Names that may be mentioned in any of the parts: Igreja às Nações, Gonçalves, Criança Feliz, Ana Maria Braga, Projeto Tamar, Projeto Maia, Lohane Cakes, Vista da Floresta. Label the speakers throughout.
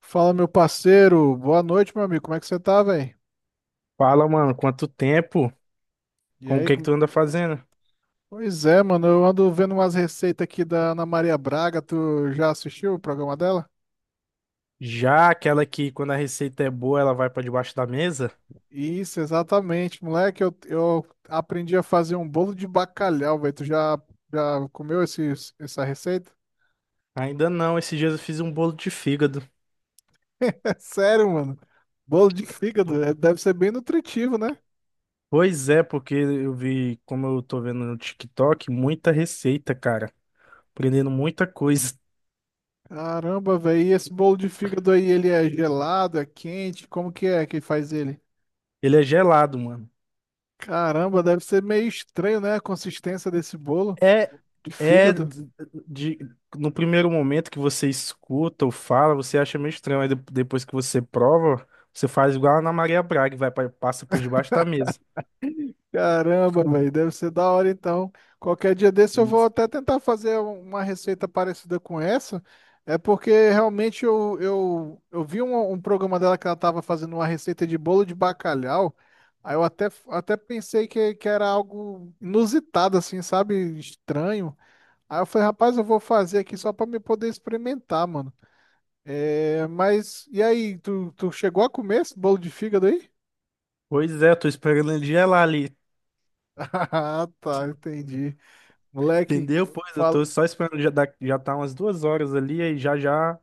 Speaker 1: Fala, meu parceiro. Boa noite, meu amigo. Como é que você tá, velho?
Speaker 2: Fala, mano, quanto tempo?
Speaker 1: E
Speaker 2: Com o
Speaker 1: aí,
Speaker 2: que que
Speaker 1: como-
Speaker 2: tu anda fazendo?
Speaker 1: Pois é, mano. Eu ando vendo umas receitas aqui da Ana Maria Braga. Tu já assistiu o programa dela?
Speaker 2: Já, aquela que quando a receita é boa, ela vai pra debaixo da mesa?
Speaker 1: Isso, exatamente, moleque. Eu aprendi a fazer um bolo de bacalhau, velho. Tu já comeu essa receita?
Speaker 2: Ainda não, esses dias eu fiz um bolo de fígado.
Speaker 1: É sério, mano. Bolo de fígado. Deve ser bem nutritivo, né?
Speaker 2: Pois é, porque eu vi, como eu tô vendo no TikTok, muita receita, cara. Aprendendo muita coisa.
Speaker 1: Caramba, velho. E esse bolo de fígado aí, ele é gelado, é quente? Como que é que faz ele?
Speaker 2: Ele é gelado, mano.
Speaker 1: Caramba, deve ser meio estranho, né? A consistência desse bolo
Speaker 2: É,
Speaker 1: de
Speaker 2: é
Speaker 1: fígado.
Speaker 2: d- de, no primeiro momento que você escuta ou fala, você acha meio estranho, aí depois que você prova, você faz igual a Ana Maria Braga, e passa por debaixo da mesa.
Speaker 1: Caramba, velho, deve ser da hora então. Qualquer dia desse eu vou até tentar fazer uma receita parecida com essa. É porque realmente eu vi um programa dela que ela estava fazendo uma receita de bolo de bacalhau. Aí eu até pensei que era algo inusitado, assim, sabe? Estranho. Aí eu falei, rapaz, eu vou fazer aqui só para me poder experimentar, mano. É, mas e aí, tu chegou a comer esse bolo de fígado aí?
Speaker 2: Pois é, eu tô esperando ele gelar ali,
Speaker 1: Ah, tá, entendi. Moleque,
Speaker 2: entendeu? Uhum. Pois eu tô
Speaker 1: fala.
Speaker 2: só esperando, já, já tá umas 2 horas ali, aí já já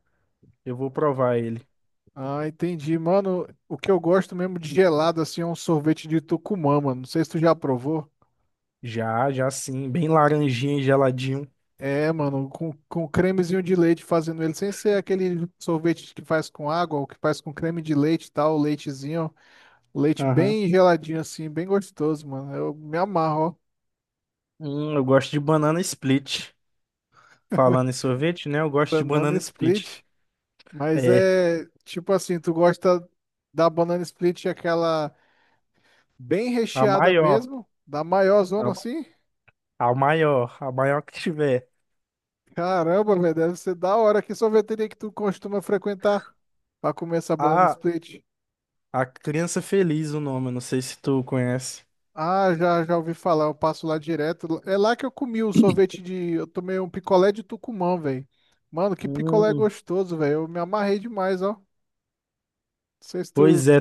Speaker 2: eu vou provar ele.
Speaker 1: Ah, entendi. Mano, o que eu gosto mesmo de gelado assim é um sorvete de Tucumã, mano. Não sei se tu já provou.
Speaker 2: Já, já sim, bem laranjinha e geladinho.
Speaker 1: É, mano, com cremezinho de leite fazendo ele, sem ser aquele sorvete que faz com água, o que faz com creme de leite e tal, leitezinho, leite
Speaker 2: Aham.
Speaker 1: bem geladinho assim, bem gostoso, mano. Eu me amarro, ó.
Speaker 2: Eu gosto de banana split. Falando em sorvete, né? Eu gosto de
Speaker 1: Banana
Speaker 2: banana split.
Speaker 1: split. Mas
Speaker 2: É,
Speaker 1: é tipo assim, tu gosta da banana split, aquela bem
Speaker 2: a
Speaker 1: recheada
Speaker 2: maior,
Speaker 1: mesmo, da maior zona
Speaker 2: a,
Speaker 1: assim?
Speaker 2: a maior que tiver.
Speaker 1: Caramba, velho, deve ser da hora. Que sorveteria que tu costuma frequentar pra comer essa banana
Speaker 2: A,
Speaker 1: split?
Speaker 2: a Criança Feliz, o nome, eu não sei se tu conhece.
Speaker 1: Ah, já, já ouvi falar, eu passo lá direto. É lá que eu comi o sorvete de. Eu tomei um picolé de Tucumã, velho. Mano, que picolé
Speaker 2: Hum,
Speaker 1: gostoso, velho. Eu me amarrei demais, ó. Não sei se
Speaker 2: pois
Speaker 1: tu.
Speaker 2: é.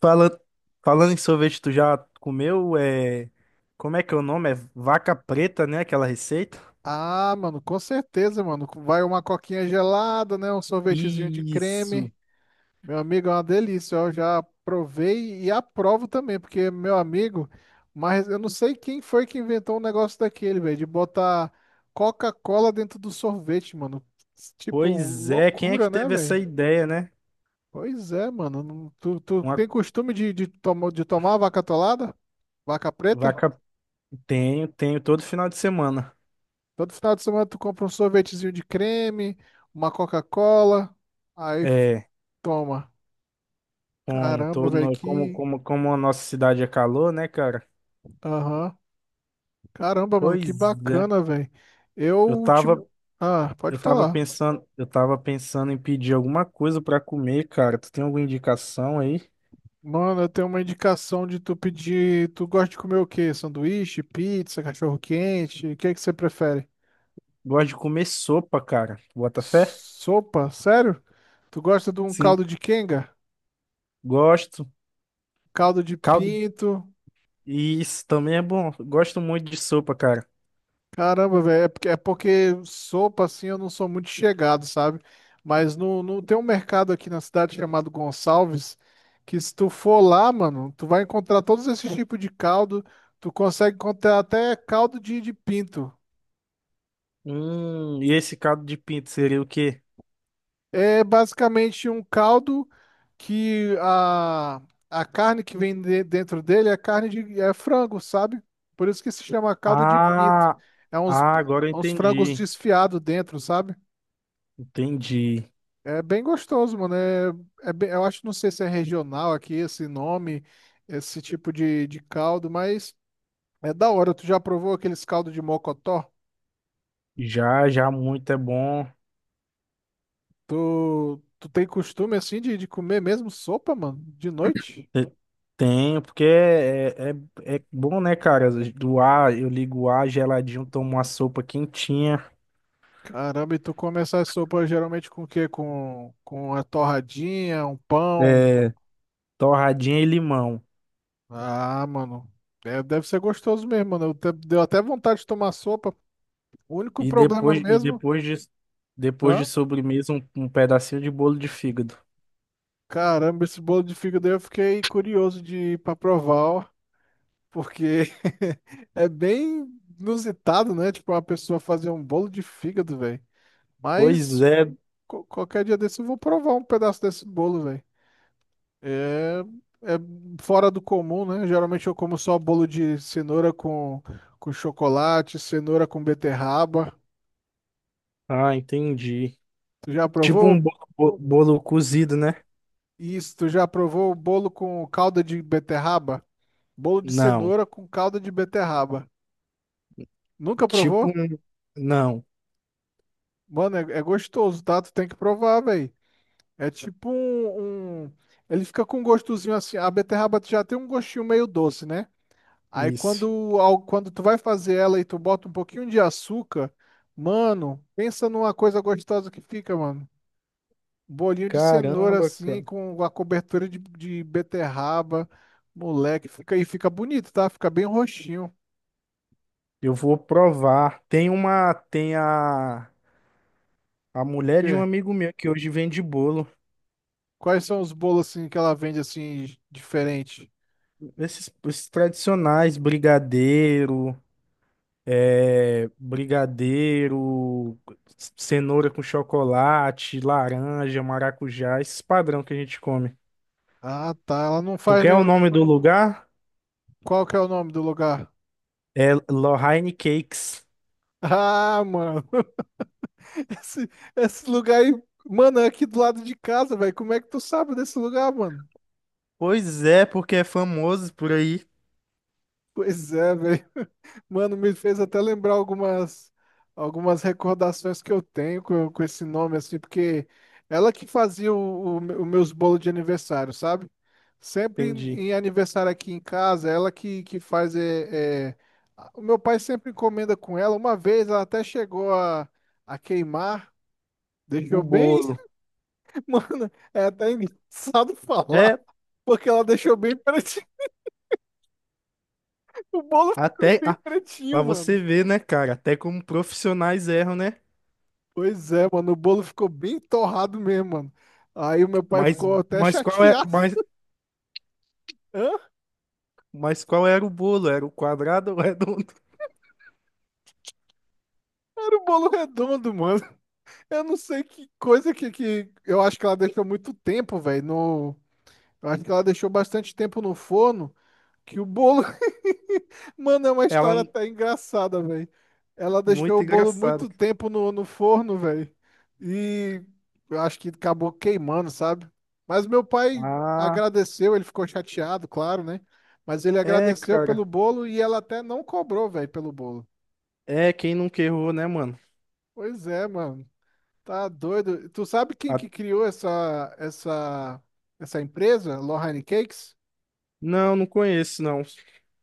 Speaker 2: Fala, Falando em sorvete, tu já comeu? É, como é que é o nome? É vaca preta, né? Aquela receita?
Speaker 1: Ah, mano, com certeza, mano. Vai uma coquinha gelada, né? Um sorvetezinho de
Speaker 2: Isso.
Speaker 1: creme. Meu amigo, é uma delícia. Eu já provei e aprovo também, porque meu amigo, mas eu não sei quem foi que inventou um negócio daquele, velho, de botar Coca-Cola dentro do sorvete, mano. Tipo,
Speaker 2: Pois é, quem é
Speaker 1: loucura,
Speaker 2: que
Speaker 1: né,
Speaker 2: teve essa
Speaker 1: velho?
Speaker 2: ideia, né?
Speaker 1: Pois é, mano. Tu tem
Speaker 2: Uma
Speaker 1: costume de de tomar vaca atolada? Vaca preta?
Speaker 2: vaca. Tenho, tenho todo final de semana.
Speaker 1: Todo final de semana tu compra um sorvetezinho de creme, uma Coca-Cola, aí f-
Speaker 2: É,
Speaker 1: toma.
Speaker 2: como
Speaker 1: Caramba,
Speaker 2: todo,
Speaker 1: velho,
Speaker 2: no- como,
Speaker 1: que.
Speaker 2: como, como a nossa cidade é calor, né, cara?
Speaker 1: Aham. Caramba, mano, que
Speaker 2: Pois é.
Speaker 1: bacana, velho.
Speaker 2: Eu
Speaker 1: Eu te.
Speaker 2: tava,
Speaker 1: Ah, pode falar.
Speaker 2: eu tava pensando em pedir alguma coisa pra comer, cara. Tu tem alguma indicação aí?
Speaker 1: Mano, eu tenho uma indicação de tu pedir. Tu gosta de comer o quê? Sanduíche, pizza, cachorro-quente? O que é que você prefere?
Speaker 2: Gosto de comer sopa, cara. Bota fé?
Speaker 1: Sopa? Sério? Tu gosta de um
Speaker 2: Sim.
Speaker 1: caldo de quenga?
Speaker 2: Gosto.
Speaker 1: Caldo de
Speaker 2: Caldo.
Speaker 1: pinto?
Speaker 2: Isso também é bom. Gosto muito de sopa, cara.
Speaker 1: Caramba, velho, é porque sopa assim eu não sou muito chegado, sabe? Mas no, no, tem um mercado aqui na cidade chamado Gonçalves, que se tu for lá, mano, tu vai encontrar todos esses tipos de caldo, tu consegue encontrar até caldo de pinto.
Speaker 2: E esse caldo de pinto seria o quê?
Speaker 1: É basicamente um caldo que a carne que vem dentro dele é carne de é frango, sabe? Por isso que se chama caldo de pinto.
Speaker 2: Ah,
Speaker 1: É uns,
Speaker 2: ah, agora eu
Speaker 1: uns frangos
Speaker 2: entendi.
Speaker 1: desfiados dentro, sabe?
Speaker 2: Entendi.
Speaker 1: É bem gostoso, mano. Eu acho, não sei se é regional aqui esse nome, esse tipo de caldo, mas é da hora. Tu já provou aqueles caldos de mocotó?
Speaker 2: Já, já, muito é bom.
Speaker 1: Tu tem costume assim de comer mesmo sopa, mano? De noite?
Speaker 2: Te- Tem, porque é é bom, né, cara? Do ar, eu ligo o ar geladinho, tomo uma sopa quentinha,
Speaker 1: Caramba, e tu come essa sopa geralmente com o quê? Com a torradinha, um pão?
Speaker 2: é, torradinha e limão.
Speaker 1: Ah, mano. É, deve ser gostoso mesmo, mano. Deu até vontade de tomar sopa. O único
Speaker 2: E
Speaker 1: problema
Speaker 2: depois, e
Speaker 1: mesmo.
Speaker 2: depois de, depois de
Speaker 1: Hã?
Speaker 2: sobremesa, um pedacinho de bolo de fígado.
Speaker 1: Caramba, esse bolo de fígado aí eu fiquei curioso de ir pra provar, ó, porque é bem inusitado, né? Tipo, uma pessoa fazer um bolo de fígado, velho.
Speaker 2: Pois
Speaker 1: Mas
Speaker 2: é.
Speaker 1: qualquer dia desse eu vou provar um pedaço desse bolo, velho. É, é fora do comum, né? Geralmente eu como só bolo de cenoura com chocolate, cenoura com beterraba.
Speaker 2: Ah, entendi.
Speaker 1: Tu já
Speaker 2: Tipo um
Speaker 1: provou
Speaker 2: bolo cozido, né?
Speaker 1: isso? Tu já provou o bolo com calda de beterraba? Bolo de
Speaker 2: Não.
Speaker 1: cenoura com calda de beterraba. Nunca
Speaker 2: Tipo
Speaker 1: provou?
Speaker 2: um. Não.
Speaker 1: Mano, é gostoso, tá? Tu tem que provar, velho. É tipo um, um- Ele fica com um gostozinho assim. A beterraba já tem um gostinho meio doce, né? Aí quando,
Speaker 2: Isso.
Speaker 1: quando tu vai fazer ela e tu bota um pouquinho de açúcar, mano, pensa numa coisa gostosa que fica, mano. Bolinho de cenoura
Speaker 2: Caramba,
Speaker 1: assim,
Speaker 2: cara.
Speaker 1: com a cobertura de beterraba. Moleque, fica bonito, tá? Fica bem roxinho.
Speaker 2: Eu vou provar. Tem uma. Tem a. A mulher de um
Speaker 1: Porque
Speaker 2: amigo meu que hoje vende bolo.
Speaker 1: quais são os bolos assim que ela vende assim diferente?
Speaker 2: Esses tradicionais, brigadeiro, brigadeiro, cenoura com chocolate, laranja, maracujá, esses padrão que a gente come.
Speaker 1: Ah, tá. Ela não
Speaker 2: Tu
Speaker 1: faz
Speaker 2: quer o
Speaker 1: nenhum.
Speaker 2: nome do lugar?
Speaker 1: Qual que é o nome do lugar?
Speaker 2: É Lohane Cakes.
Speaker 1: Ah, mano. Esse, esse lugar aí. Mano, é aqui do lado de casa, velho. Como é que tu sabe desse lugar, mano?
Speaker 2: Pois é, porque é famoso por aí.
Speaker 1: Pois é, velho. Mano, me fez até lembrar algumas recordações que eu tenho com esse nome, assim, porque ela que fazia os meus bolos de aniversário, sabe? Sempre
Speaker 2: Entendi.
Speaker 1: em aniversário aqui em casa, que faz. O meu pai sempre encomenda com ela. Uma vez ela até chegou a queimar,
Speaker 2: O
Speaker 1: deixou bem.
Speaker 2: bolo.
Speaker 1: Mano, é até engraçado
Speaker 2: É,
Speaker 1: falar, porque ela deixou bem pretinho. O bolo ficou
Speaker 2: até.
Speaker 1: bem
Speaker 2: Ah, pra
Speaker 1: pretinho, mano.
Speaker 2: você ver, né, cara? Até como profissionais erram, né?
Speaker 1: Pois é, mano, o bolo ficou bem torrado mesmo, mano. Aí o meu pai
Speaker 2: Mas,
Speaker 1: ficou até
Speaker 2: mas qual é.
Speaker 1: chateado.
Speaker 2: Mas,
Speaker 1: Hã?
Speaker 2: mas qual era o bolo? Era o quadrado ou redondo?
Speaker 1: Era um bolo redondo, mano. Eu não sei que coisa que... Eu acho que ela deixou muito tempo, velho. No... Eu acho que ela deixou bastante tempo no forno. Que o bolo. Mano, é uma
Speaker 2: Ela.
Speaker 1: história até engraçada, velho. Ela deixou
Speaker 2: Muito
Speaker 1: o bolo
Speaker 2: engraçada.
Speaker 1: muito tempo no forno, velho. E eu acho que acabou queimando, sabe? Mas meu pai
Speaker 2: Ah,
Speaker 1: agradeceu, ele ficou chateado, claro, né? Mas ele
Speaker 2: é,
Speaker 1: agradeceu pelo
Speaker 2: cara.
Speaker 1: bolo e ela até não cobrou, velho, pelo bolo.
Speaker 2: É, quem nunca errou, né, mano?
Speaker 1: Pois é, mano. Tá doido. Tu sabe quem
Speaker 2: A-
Speaker 1: que criou essa essa empresa, Lohane Cakes?
Speaker 2: Não, não conheço, não.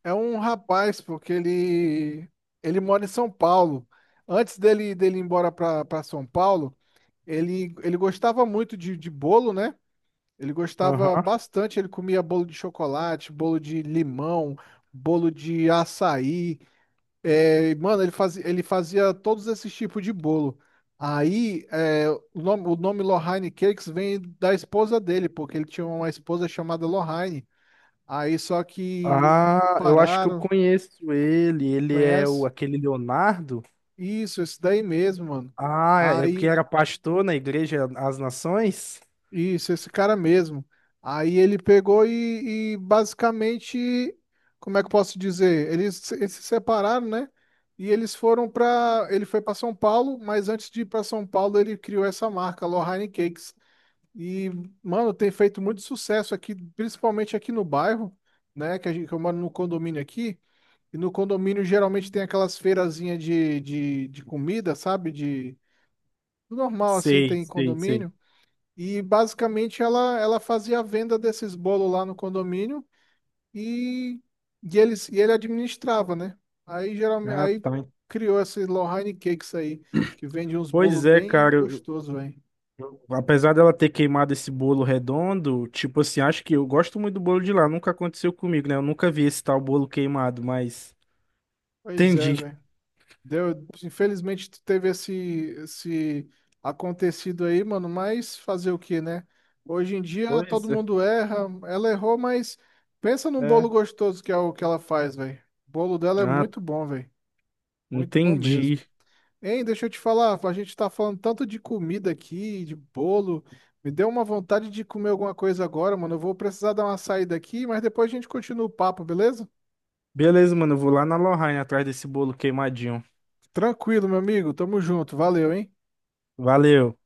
Speaker 1: É um rapaz, porque ele mora em São Paulo. Antes dele ir embora para São Paulo, ele gostava muito de bolo, né? Ele gostava
Speaker 2: Aham.
Speaker 1: bastante, ele comia bolo de chocolate, bolo de limão, bolo de açaí. É, mano, ele fazia todos esses tipos de bolo. Aí, o nome Lohane Cakes vem da esposa dele, porque ele tinha uma esposa chamada Lohane. Aí, só que
Speaker 2: Ah, eu acho que eu
Speaker 1: separaram,
Speaker 2: conheço ele. Ele é o
Speaker 1: conhece?
Speaker 2: aquele Leonardo.
Speaker 1: Isso, esse daí mesmo, mano.
Speaker 2: Ah, é porque
Speaker 1: Aí,
Speaker 2: era pastor na Igreja às Nações?
Speaker 1: isso, esse cara mesmo. Aí ele pegou e basicamente, como é que eu posso dizer? Eles se separaram, né? E eles foram pra. Ele foi pra São Paulo, mas antes de ir pra São Paulo, ele criou essa marca, Lohane Cakes. E, mano, tem feito muito sucesso aqui, principalmente aqui no bairro, né? Que eu moro no condomínio aqui. E no condomínio geralmente tem aquelas feirazinhas de comida, sabe? De normal assim
Speaker 2: Sei,
Speaker 1: tem
Speaker 2: sei, sei.
Speaker 1: condomínio e basicamente ela fazia a venda desses bolos lá no condomínio e, e eles e ele administrava, né? Aí geralmente
Speaker 2: Ah,
Speaker 1: aí
Speaker 2: tá.
Speaker 1: criou esses Lohane Cakes aí que vende uns bolos
Speaker 2: Pois é,
Speaker 1: bem
Speaker 2: cara.
Speaker 1: gostosos, velho.
Speaker 2: Apesar dela ter queimado esse bolo redondo, tipo assim, acho que eu gosto muito do bolo de lá. Nunca aconteceu comigo, né? Eu nunca vi esse tal bolo queimado, mas.
Speaker 1: Pois é,
Speaker 2: Entendi.
Speaker 1: velho. Deu, infelizmente teve esse acontecido aí, mano, mas fazer o que, né? Hoje em dia
Speaker 2: Pois
Speaker 1: todo
Speaker 2: é.
Speaker 1: mundo erra, ela errou, mas pensa num bolo
Speaker 2: É.
Speaker 1: gostoso que é o que ela faz, velho. O bolo dela é
Speaker 2: Ah,
Speaker 1: muito bom, velho. Muito bom
Speaker 2: entendi.
Speaker 1: mesmo. Hein, deixa eu te falar, a gente tá falando tanto de comida aqui, de bolo. Me deu uma vontade de comer alguma coisa agora, mano. Eu vou precisar dar uma saída aqui, mas depois a gente continua o papo, beleza?
Speaker 2: Beleza, mano. Eu vou lá na Lorraine atrás desse bolo queimadinho.
Speaker 1: Tranquilo, meu amigo. Tamo junto. Valeu, hein?
Speaker 2: Valeu.